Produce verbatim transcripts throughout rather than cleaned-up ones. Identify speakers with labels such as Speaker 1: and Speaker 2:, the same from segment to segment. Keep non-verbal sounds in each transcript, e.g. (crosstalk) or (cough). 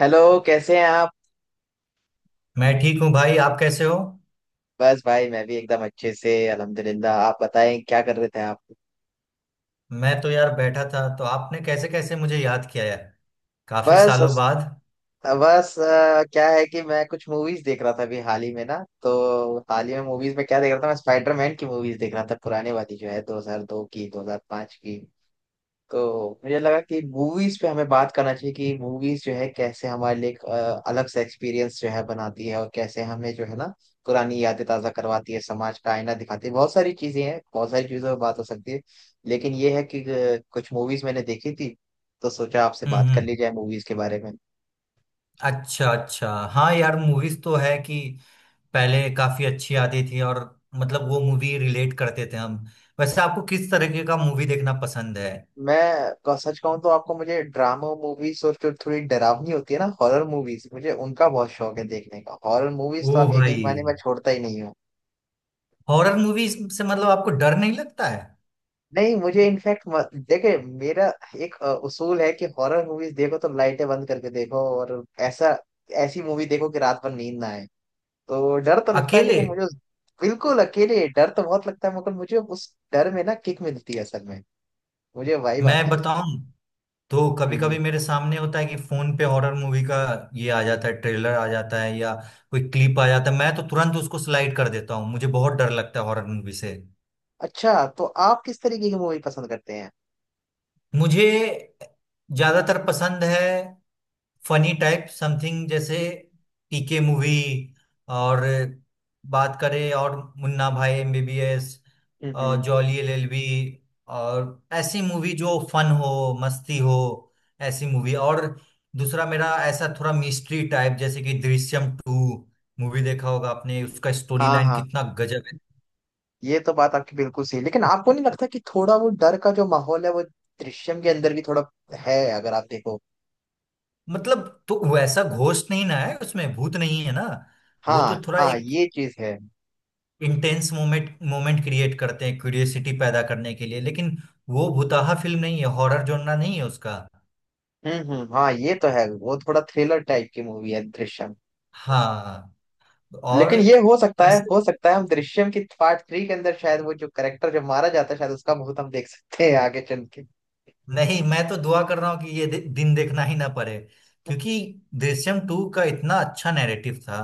Speaker 1: Hello. कैसे हैं आप
Speaker 2: मैं ठीक हूँ भाई। आप कैसे हो?
Speaker 1: बस भाई मैं भी एकदम अच्छे से अल्हम्दुलिल्लाह आप बताएं क्या कर रहे थे आप?
Speaker 2: मैं तो यार बैठा था। तो आपने कैसे कैसे मुझे याद किया यार, काफी
Speaker 1: बस
Speaker 2: सालों बाद।
Speaker 1: बस अ, क्या है कि मैं कुछ मूवीज देख रहा था अभी हाल ही में ना। तो हाल ही में मूवीज में क्या देख रहा था, मैं स्पाइडरमैन की मूवीज देख रहा था, पुराने वाली जो है दो हज़ार दो की दो हज़ार पांच की। तो मुझे लगा कि मूवीज पे हमें बात करना चाहिए कि मूवीज जो है कैसे हमारे लिए एक अ, अलग सा एक्सपीरियंस जो है बनाती है, और कैसे हमें जो है ना पुरानी यादें ताजा करवाती है, समाज का आईना दिखाती है। बहुत सारी चीजें हैं, बहुत सारी चीजों पर बात हो सकती है, लेकिन ये है कि अ, कुछ मूवीज मैंने देखी थी, तो सोचा आपसे
Speaker 2: हम्म,
Speaker 1: बात कर
Speaker 2: हम्म।
Speaker 1: ली जाए मूवीज के बारे में।
Speaker 2: अच्छा, अच्छा। हाँ यार, मूवीज तो है कि पहले काफी अच्छी आती थी, और मतलब वो मूवी रिलेट करते थे हम। वैसे आपको किस तरीके का मूवी देखना पसंद है?
Speaker 1: मैं क- सच कहूँ तो आपको मुझे ड्रामा मूवीज और जो थोड़ी डरावनी होती है ना हॉरर मूवीज, मुझे उनका बहुत शौक है देखने का। हॉरर मूवीज तो
Speaker 2: ओ
Speaker 1: आप यकीन
Speaker 2: भाई,
Speaker 1: मानिए मैं छोड़ता ही नहीं हूँ।
Speaker 2: हॉरर मूवी से मतलब आपको डर नहीं लगता है?
Speaker 1: नहीं, मुझे इनफैक्ट देखे मेरा एक अ, उसूल है कि हॉरर मूवीज देखो तो लाइटें बंद करके देखो, और ऐसा ऐसी मूवी देखो कि रात भर नींद ना आए। तो डर तो लगता है
Speaker 2: अकेले?
Speaker 1: लेकिन मुझे उस- बिल्कुल अकेले डर तो बहुत लगता है, मगर मुझे उस डर में ना किक मिलती है असल में, मुझे वाइब
Speaker 2: मैं
Speaker 1: आती है उसकी।
Speaker 2: बताऊं, तो कभी
Speaker 1: जी
Speaker 2: कभी
Speaker 1: जी।
Speaker 2: मेरे सामने होता है कि फोन पे हॉरर मूवी का ये आ जाता है, ट्रेलर आ जाता है या कोई क्लिप आ जाता है। मैं तो तुरंत उसको स्लाइड कर देता हूँ, मुझे बहुत डर लगता है हॉरर मूवी से।
Speaker 1: अच्छा, तो आप किस तरीके की मूवी पसंद करते हैं?
Speaker 2: मुझे ज्यादातर पसंद है फनी टाइप समथिंग, जैसे पी के मूवी, और बात करें और मुन्ना भाई एम बी बी एस,
Speaker 1: हम्म
Speaker 2: और
Speaker 1: हम्म।
Speaker 2: जॉली एल एल बी, और ऐसी मूवी जो फन हो, मस्ती हो, ऐसी मूवी। और दूसरा मेरा ऐसा थोड़ा मिस्ट्री टाइप, जैसे कि दृश्यम टू। मूवी देखा होगा आपने, उसका स्टोरी
Speaker 1: हाँ
Speaker 2: लाइन
Speaker 1: हाँ,
Speaker 2: कितना गजब है।
Speaker 1: ये तो बात आपकी बिल्कुल सही, लेकिन आपको नहीं लगता कि थोड़ा वो डर का जो माहौल है वो दृश्यम के अंदर भी थोड़ा है? अगर आप देखो।
Speaker 2: मतलब तो वैसा घोस्ट नहीं ना है उसमें, भूत नहीं है ना। वो
Speaker 1: हाँ
Speaker 2: तो थोड़ा
Speaker 1: हाँ,
Speaker 2: एक
Speaker 1: ये चीज है।
Speaker 2: इंटेंस मोमेंट मोमेंट क्रिएट करते हैं क्यूरियोसिटी पैदा करने के लिए, लेकिन वो भुताहा फिल्म नहीं है, हॉरर जोनरा नहीं है उसका।
Speaker 1: हम्म हम्म हाँ, ये तो है, वो थोड़ा थ्रिलर टाइप की मूवी है दृश्यम।
Speaker 2: हाँ। और
Speaker 1: लेकिन ये हो सकता है,
Speaker 2: बस
Speaker 1: हो सकता है हम दृश्यम की पार्ट थ्री के अंदर शायद वो जो करेक्टर जब मारा जाता है शायद उसका बहुत हम देख सकते हैं आगे चल के।
Speaker 2: नहीं, मैं तो दुआ कर रहा हूँ कि ये दि, दिन देखना ही ना पड़े। क्योंकि दृश्यम टू का इतना अच्छा नैरेटिव था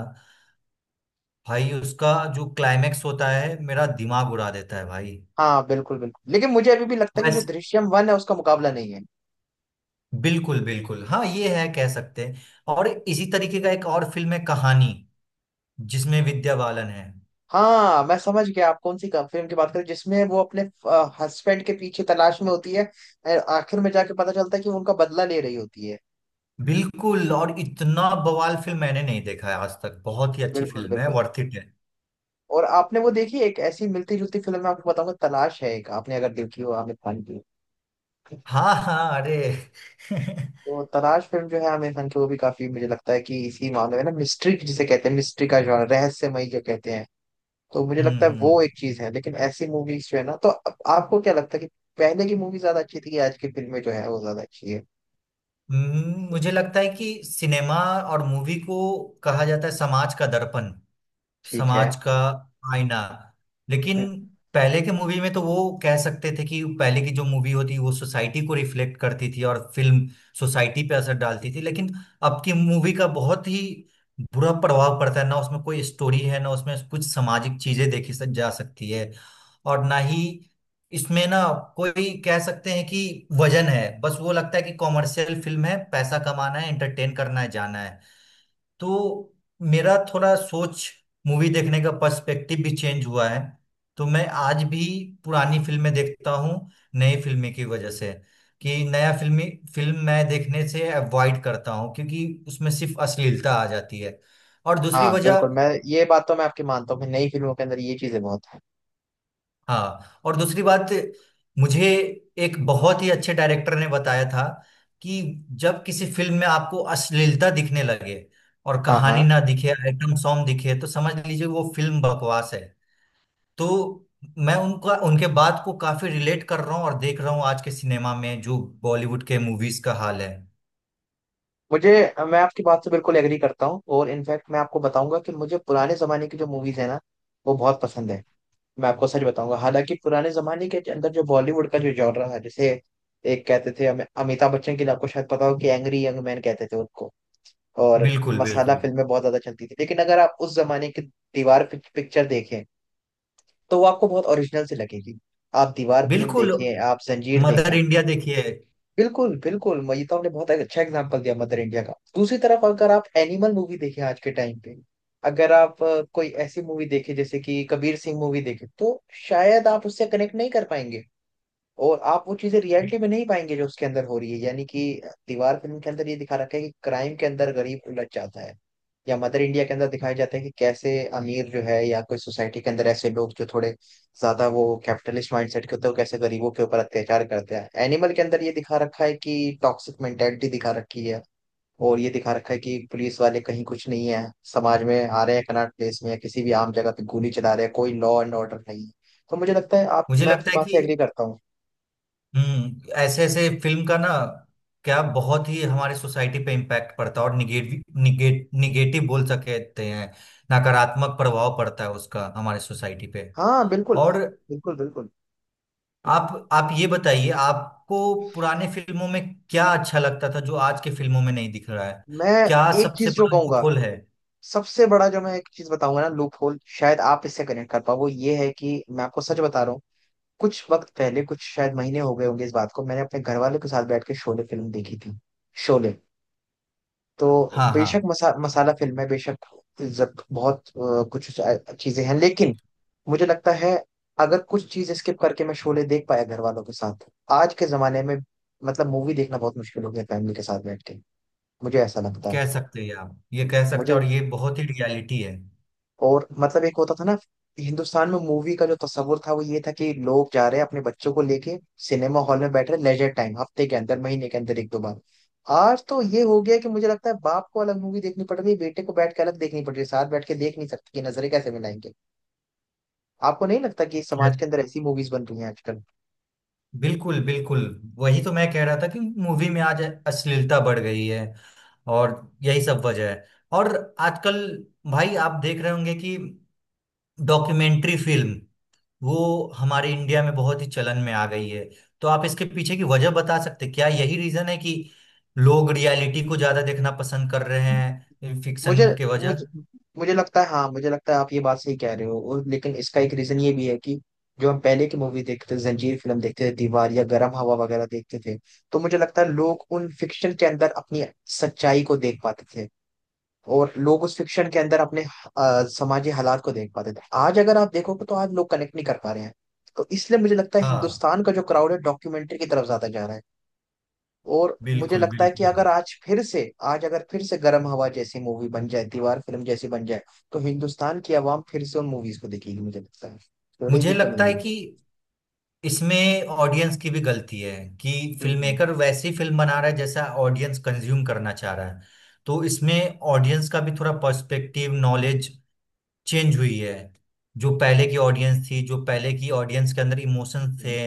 Speaker 2: भाई। उसका जो क्लाइमेक्स होता है, मेरा दिमाग उड़ा देता है भाई।
Speaker 1: हाँ बिल्कुल बिल्कुल, लेकिन मुझे अभी भी लगता है कि जो
Speaker 2: वैसे
Speaker 1: दृश्यम वन है उसका मुकाबला नहीं है।
Speaker 2: बिल्कुल बिल्कुल, हाँ ये है, कह सकते हैं। और इसी तरीके का एक और फिल्म है कहानी, जिसमें विद्या बालन है।
Speaker 1: हाँ, मैं समझ गया आप कौन सी फिल्म की बात करें, जिसमें वो अपने हस्बैंड के पीछे तलाश में होती है और आखिर में जाके पता चलता है कि वो उनका बदला ले रही होती है।
Speaker 2: बिल्कुल। और इतना बवाल फिल्म मैंने नहीं देखा है आज तक, बहुत ही अच्छी
Speaker 1: बिल्कुल
Speaker 2: फिल्म है,
Speaker 1: बिल्कुल।
Speaker 2: वर्थ इट है।
Speaker 1: और आपने वो देखी एक ऐसी मिलती जुलती फिल्म, मैं आपको बताऊंगा, तलाश है एक, आपने अगर देखी हो आमिर खान की।
Speaker 2: हाँ हाँ, अरे (laughs) हम्म,
Speaker 1: तो तलाश फिल्म जो है आमिर खान की, वो भी काफी मुझे लगता है कि इसी मामले में ना मिस्ट्री, जिसे कहते हैं मिस्ट्री का जॉनर, रहस्यमय जो कहते हैं। तो मुझे लगता है वो
Speaker 2: हम्म।
Speaker 1: एक चीज है, लेकिन ऐसी मूवीज जो है ना, तो अब आपको क्या लगता है कि पहले की मूवी ज्यादा अच्छी थी कि आज की फिल्में जो है वो ज्यादा अच्छी है?
Speaker 2: हम्म, मुझे लगता है कि सिनेमा और मूवी को कहा जाता है समाज का दर्पण,
Speaker 1: ठीक है।
Speaker 2: समाज का आईना। लेकिन
Speaker 1: हम्म।
Speaker 2: पहले के मूवी में तो वो कह सकते थे कि पहले की जो मूवी होती वो सोसाइटी को रिफ्लेक्ट करती थी, और फिल्म सोसाइटी पे असर डालती थी। लेकिन अब की मूवी का बहुत ही बुरा प्रभाव पड़ता है, ना उसमें कोई स्टोरी है, ना उसमें कुछ सामाजिक चीजें देखी सक- जा सकती है। और ना ही इसमें, ना कोई कह सकते हैं कि वजन है। बस वो लगता है कि कॉमर्शियल फिल्म है, पैसा कमाना है, एंटरटेन करना है, जाना है। तो मेरा थोड़ा सोच, मूवी देखने का पर्सपेक्टिव भी चेंज हुआ है। तो मैं आज भी पुरानी फिल्में देखता हूँ, नई फिल्में की वजह से, कि नया फिल्मी फिल्म मैं देखने से अवॉइड करता हूँ, क्योंकि उसमें सिर्फ अश्लीलता आ जाती है। और दूसरी
Speaker 1: हाँ
Speaker 2: वजह,
Speaker 1: बिल्कुल, मैं ये बात तो मैं आपकी मानता हूँ कि नई फिल्मों के अंदर ये चीजें बहुत है।
Speaker 2: हाँ, और दूसरी बात, मुझे एक बहुत ही अच्छे डायरेक्टर ने बताया था कि जब किसी फिल्म में आपको अश्लीलता दिखने लगे और
Speaker 1: हाँ
Speaker 2: कहानी
Speaker 1: हाँ।
Speaker 2: ना दिखे, आइटम सॉन्ग दिखे, तो समझ लीजिए वो फिल्म बकवास है। तो मैं उनका उनके बात को काफी रिलेट कर रहा हूँ, और देख रहा हूँ आज के सिनेमा में जो बॉलीवुड के मूवीज का हाल है।
Speaker 1: मुझे मैं आपकी बात से बिल्कुल एग्री करता हूँ, और इनफैक्ट मैं आपको बताऊंगा कि मुझे पुराने जमाने की जो मूवीज है ना वो बहुत पसंद है। मैं आपको सच बताऊंगा, हालांकि पुराने जमाने के अंदर जो बॉलीवुड का जो जॉनरा है जैसे एक कहते थे हमें अमिताभ बच्चन के लिए, आपको शायद पता हो कि एंग्री यंग मैन कहते थे उनको। और
Speaker 2: बिल्कुल,
Speaker 1: मसाला
Speaker 2: बिल्कुल
Speaker 1: फिल्में बहुत ज्यादा चलती थी, लेकिन अगर आप उस जमाने की दीवार पिक्चर देखें तो वो आपको बहुत ओरिजिनल से लगेगी। आप दीवार फिल्म
Speaker 2: बिल्कुल,
Speaker 1: देखें, आप जंजीर
Speaker 2: मदर
Speaker 1: देखें।
Speaker 2: इंडिया देखिए।
Speaker 1: बिल्कुल बिल्कुल, मैं ये तो आपने बहुत अच्छा एग्जांपल दिया मदर इंडिया का। दूसरी तरफ अगर आप एनिमल मूवी देखें आज के टाइम पे, अगर आप अ, कोई ऐसी मूवी देखें जैसे कि कबीर सिंह मूवी देखें, तो शायद आप उससे कनेक्ट नहीं कर पाएंगे, और आप वो चीजें रियलिटी में नहीं पाएंगे जो उसके अंदर हो रही है। यानी कि दीवार फिल्म के अंदर ये दिखा रखा है कि क्राइम के अंदर गरीब उलझ जाता है, या मदर इंडिया के अंदर दिखाया जाता है कि कैसे अमीर जो है या कोई सोसाइटी के अंदर ऐसे लोग जो थोड़े ज्यादा वो कैपिटलिस्ट माइंडसेट के होते हैं, वो कैसे गरीबों के ऊपर अत्याचार करते हैं। एनिमल के अंदर ये दिखा रखा है कि टॉक्सिक मेंटेलिटी दिखा रखी है, और ये दिखा रखा है कि पुलिस वाले कहीं कुछ नहीं है, समाज में आ रहे हैं, कनॉट प्लेस में या किसी भी आम जगह पे गोली चला रहे हैं, कोई लॉ एंड ऑर्डर नहीं है। तो मुझे लगता है आप,
Speaker 2: मुझे
Speaker 1: मैं
Speaker 2: लगता
Speaker 1: आपकी
Speaker 2: है
Speaker 1: बात
Speaker 2: कि
Speaker 1: से एग्री करता हूँ।
Speaker 2: हम्म ऐसे ऐसे फिल्म का ना क्या बहुत ही हमारे सोसाइटी पे इम्पैक्ट पड़ता है, और निगेटिव निगेट, निगेटिव बोल सकते हैं। नकारात्मक प्रभाव पड़ता है उसका हमारे सोसाइटी पे।
Speaker 1: हाँ बिल्कुल
Speaker 2: और
Speaker 1: बिल्कुल बिल्कुल
Speaker 2: आप आप ये बताइए, आपको पुराने फिल्मों में क्या अच्छा लगता था जो आज के फिल्मों में नहीं दिख रहा है?
Speaker 1: मैं
Speaker 2: क्या
Speaker 1: एक
Speaker 2: सबसे
Speaker 1: चीज जो
Speaker 2: बड़ा
Speaker 1: कहूंगा,
Speaker 2: लूपहोल है?
Speaker 1: सबसे बड़ा जो मैं एक चीज बताऊंगा ना, लूप होल शायद आप इससे कनेक्ट कर पाओ, वो ये है कि मैं आपको सच बता रहा हूँ, कुछ वक्त पहले, कुछ शायद महीने हो गए होंगे इस बात को, मैंने अपने घर वालों के साथ बैठ के शोले फिल्म देखी थी। शोले तो
Speaker 2: हाँ हाँ,
Speaker 1: बेशक मसा, मसाला फिल्म है बेशक। जब बहुत अ, कुछ चीजें हैं, लेकिन मुझे लगता है अगर कुछ चीज स्किप करके मैं शोले देख पाया घर वालों के साथ। आज के जमाने में मतलब मूवी देखना बहुत मुश्किल हो गया फैमिली के साथ बैठ के, मुझे ऐसा लगता है।
Speaker 2: कह सकते हैं आप, ये कह सकते
Speaker 1: मुझे
Speaker 2: हैं, और ये बहुत ही रियलिटी है।
Speaker 1: और मतलब एक होता था ना, हिंदुस्तान में मूवी का जो तस्वुर था वो ये था कि लोग जा रहे हैं अपने बच्चों को लेके सिनेमा हॉल में बैठ रहे, लेजर टाइम हफ्ते के अंदर महीने के अंदर एक दो बार। आज तो ये हो गया कि मुझे लगता है बाप को अलग मूवी देखनी पड़ रही है, बेटे को बैठ के अलग देखनी पड़ रही है, साथ बैठ के देख नहीं सकते कि नजरें कैसे मिलाएंगे। आपको नहीं लगता कि समाज
Speaker 2: कह-
Speaker 1: के अंदर ऐसी मूवीज बन रही हैं आजकल?
Speaker 2: बिल्कुल बिल्कुल, वही तो मैं कह रहा था कि मूवी में आज अश्लीलता बढ़ गई है। और यही सब वजह है। और आजकल भाई, आप देख रहे होंगे कि डॉक्यूमेंट्री फिल्म वो हमारे इंडिया में बहुत ही चलन में आ गई है। तो आप इसके पीछे की वजह बता सकते हैं? क्या यही रीजन है कि लोग रियलिटी को ज्यादा देखना पसंद कर रहे हैं
Speaker 1: मुझे
Speaker 2: फिक्शन के वजह?
Speaker 1: मुझे मुझे लगता है, हाँ मुझे लगता है आप ये बात सही कह रहे हो, और लेकिन इसका एक रीजन ये भी है कि जो हम पहले की मूवी देखते थे, जंजीर फिल्म देखते थे, दीवार या गरम हवा वगैरह देखते थे, तो मुझे लगता है लोग उन फिक्शन के अंदर अपनी सच्चाई को देख पाते थे, और लोग उस फिक्शन के अंदर अपने अ, सामाजिक हालात को देख पाते थे। आज अगर आप देखोगे तो आज लोग कनेक्ट नहीं कर पा रहे हैं, तो इसलिए मुझे लगता है
Speaker 2: हाँ
Speaker 1: हिंदुस्तान का जो क्राउड है डॉक्यूमेंट्री की तरफ ज्यादा जा रहा है। और मुझे
Speaker 2: बिल्कुल
Speaker 1: लगता है
Speaker 2: बिल्कुल।
Speaker 1: कि अगर आज फिर से, आज अगर फिर से गर्म हवा जैसी मूवी बन जाए, दीवार फिल्म जैसी बन जाए, तो हिंदुस्तान की आवाम फिर से उन मूवीज को देखेगी, मुझे लगता है
Speaker 2: मुझे
Speaker 1: छोड़ेगी तो
Speaker 2: लगता है
Speaker 1: नहीं।
Speaker 2: कि इसमें ऑडियंस की भी गलती है, कि
Speaker 1: हम्म
Speaker 2: फिल्म
Speaker 1: हम्म,
Speaker 2: मेकर वैसी फिल्म बना रहा है जैसा ऑडियंस कंज्यूम करना चाह रहा है। तो इसमें ऑडियंस का भी थोड़ा पर्सपेक्टिव, नॉलेज चेंज हुई है। जो पहले की ऑडियंस थी, जो पहले की ऑडियंस के अंदर इमोशंस
Speaker 1: हम्म,
Speaker 2: थे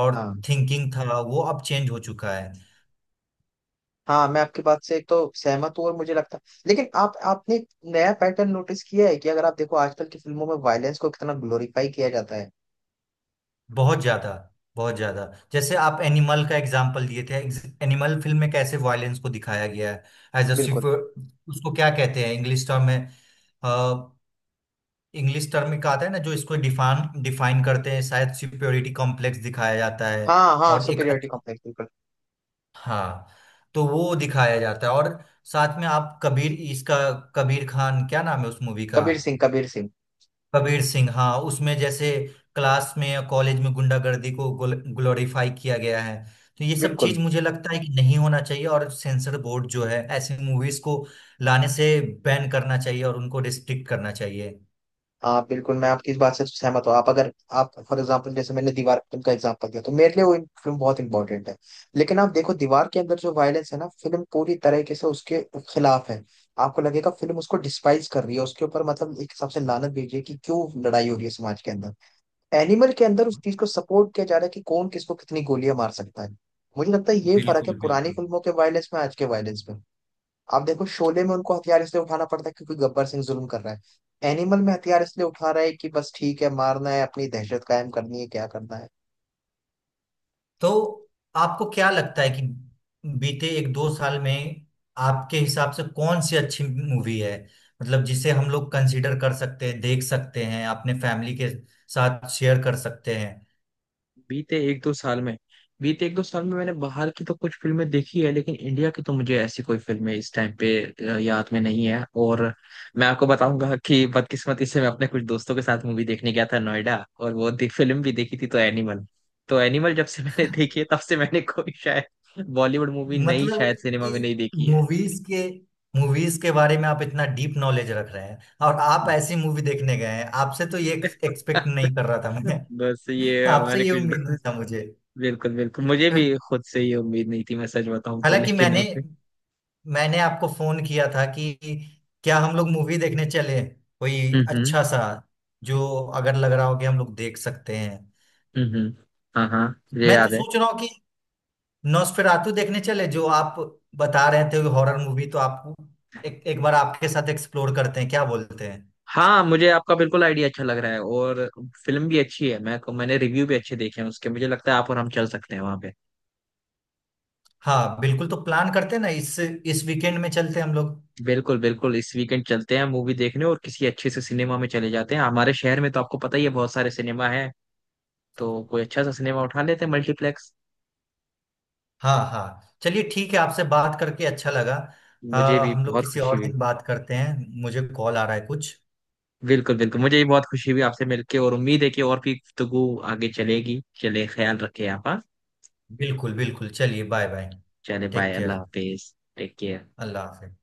Speaker 2: और
Speaker 1: हाँ
Speaker 2: थिंकिंग था, वो अब चेंज हो चुका है।
Speaker 1: हाँ, मैं आपकी बात से एक तो सहमत हूँ, और मुझे लगता है लेकिन आप, आपने एक नया पैटर्न नोटिस किया है कि अगर आप देखो आजकल की फिल्मों में वायलेंस को कितना ग्लोरीफाई किया जाता है।
Speaker 2: बहुत ज्यादा, बहुत ज्यादा। जैसे आप एनिमल का एग्जाम्पल दिए थे, एनिमल फिल्म में कैसे वायलेंस को दिखाया गया है एज अ,
Speaker 1: बिल्कुल।
Speaker 2: उसको क्या कहते हैं इंग्लिश टर्म में? इंग्लिश टर्म का आता है ना जो इसको डिफाइन डिफाइन करते हैं, शायद सुपेरियोरिटी कॉम्प्लेक्स दिखाया जाता है।
Speaker 1: हाँ हाँ,
Speaker 2: और एक
Speaker 1: सुपीरियरिटी
Speaker 2: अच्छा,
Speaker 1: कॉम्प्लेक्स, बिल्कुल।
Speaker 2: हाँ, तो वो दिखाया जाता है। और साथ में आप कबीर इसका, कबीर खान, क्या नाम है उस मूवी का?
Speaker 1: कबीर सिंह, कबीर सिंह।
Speaker 2: कबीर सिंह हाँ, उसमें जैसे क्लास में या कॉलेज में गुंडागर्दी को ग्लोरीफाई किया गया है। तो ये सब
Speaker 1: बिल्कुल।
Speaker 2: चीज मुझे लगता है कि नहीं होना चाहिए, और सेंसर बोर्ड जो है ऐसी मूवीज को लाने से बैन करना चाहिए, और उनको रिस्ट्रिक्ट करना चाहिए।
Speaker 1: हाँ बिल्कुल, मैं आपकी इस बात से सहमत हूँ। आप अगर, आप फॉर एग्जांपल जैसे मैंने दीवार फिल्म का एग्जांपल दिया, तो मेरे लिए वो फिल्म बहुत इंपॉर्टेंट है, लेकिन आप देखो दीवार के अंदर जो वायलेंस है ना, फिल्म पूरी तरीके से उसके खिलाफ है। आपको लगेगा फिल्म उसको डिस्पाइज कर रही है उसके ऊपर, मतलब एक हिसाब से लानत भेज रही है कि क्यों लड़ाई हो रही है समाज के अंदर। एनिमल के अंदर उस चीज को सपोर्ट किया जा रहा है कि कौन किसको कितनी गोलियां मार सकता है। मुझे लगता है ये फर्क है
Speaker 2: बिल्कुल
Speaker 1: पुरानी
Speaker 2: बिल्कुल।
Speaker 1: फिल्मों के वायलेंस में आज के वायलेंस में। आप देखो शोले में उनको हथियार इसलिए उठाना पड़ता है क्योंकि गब्बर सिंह जुल्म कर रहा है, एनिमल में हथियार इसलिए उठा रहा है कि बस ठीक है मारना है, अपनी दहशत कायम करनी है, क्या करना है।
Speaker 2: तो आपको क्या लगता है कि बीते एक दो साल में आपके हिसाब से कौन सी अच्छी मूवी है, मतलब जिसे हम लोग कंसीडर कर सकते हैं, देख सकते हैं अपने फैमिली के साथ, शेयर कर सकते हैं?
Speaker 1: बीते एक दो साल में बीते एक दो साल में मैंने बाहर की तो कुछ फिल्में देखी है, लेकिन इंडिया की तो मुझे ऐसी कोई फिल्में इस टाइम पे अ, याद में नहीं है। और मैं आपको बताऊंगा कि बदकिस्मती से मैं अपने कुछ दोस्तों के साथ मूवी देखने गया था नोएडा, और वो दे, फिल्म भी देखी थी तो एनिमल, तो एनिमल जब से मैंने (laughs) देखी है तब से मैंने कोई शायद बॉलीवुड मूवी नई शायद
Speaker 2: मतलब
Speaker 1: सिनेमा में नहीं देखी है।
Speaker 2: मूवीज के मूवीज के बारे में आप इतना डीप नॉलेज रख रहे हैं, और आप ऐसी मूवी देखने गए हैं, आपसे तो ये एक्सपेक्ट नहीं कर रहा था मैं।
Speaker 1: बस ये
Speaker 2: (laughs) आपसे
Speaker 1: हमारे
Speaker 2: ये
Speaker 1: कुछ
Speaker 2: उम्मीद नहीं
Speaker 1: दोस्त।
Speaker 2: था मुझे।
Speaker 1: (laughs) बिल्कुल बिल्कुल, मुझे भी खुद से ये उम्मीद नहीं थी मैं सच बताऊं तो,
Speaker 2: हालांकि
Speaker 1: लेकिन
Speaker 2: मैंने
Speaker 1: ओके।
Speaker 2: मैंने आपको फोन किया था कि क्या हम लोग मूवी देखने चले, कोई
Speaker 1: हम्म
Speaker 2: अच्छा सा, जो अगर लग रहा हो कि हम लोग देख सकते हैं।
Speaker 1: हम्म हम्म, हाँ हाँ, ये
Speaker 2: मैं तो
Speaker 1: याद है।
Speaker 2: सोच रहा हूँ कि नॉस्फेरातु देखने चले, जो आप बता रहे थे हॉरर मूवी तो आपको, एक एक बार आपके साथ एक्सप्लोर करते हैं। क्या बोलते हैं?
Speaker 1: हाँ, मुझे आपका बिल्कुल आइडिया अच्छा लग रहा है, और फिल्म भी अच्छी है। मैं मैंने रिव्यू भी अच्छे देखे हैं उसके, मुझे लगता है आप और हम चल सकते हैं वहाँ पे।
Speaker 2: हाँ बिल्कुल, तो प्लान करते हैं ना, इस इस वीकेंड में चलते हैं हम लोग।
Speaker 1: बिल्कुल बिल्कुल, इस वीकेंड चलते हैं मूवी देखने और किसी अच्छे से सिनेमा में चले जाते हैं। हमारे शहर में तो आपको पता ही है बहुत सारे सिनेमा है, तो कोई अच्छा सा सिनेमा उठा लेते हैं, मल्टीप्लेक्स।
Speaker 2: हाँ हाँ चलिए, ठीक है, आपसे बात करके अच्छा लगा।
Speaker 1: मुझे
Speaker 2: आ,
Speaker 1: भी
Speaker 2: हम लोग
Speaker 1: बहुत
Speaker 2: किसी
Speaker 1: खुशी
Speaker 2: और
Speaker 1: हुई।
Speaker 2: दिन बात करते हैं, मुझे कॉल आ रहा है कुछ।
Speaker 1: बिल्कुल बिल्कुल, मुझे भी बहुत खुशी हुई आपसे मिलके, और उम्मीद है कि और भी गुफ्तगू आगे चलेगी। चले, ख्याल रखे आप, हाँ?
Speaker 2: बिल्कुल बिल्कुल चलिए, बाय बाय,
Speaker 1: चले,
Speaker 2: टेक
Speaker 1: बाय, अल्लाह
Speaker 2: केयर,
Speaker 1: हाफिज, टेक केयर।
Speaker 2: अल्लाह हाफिज।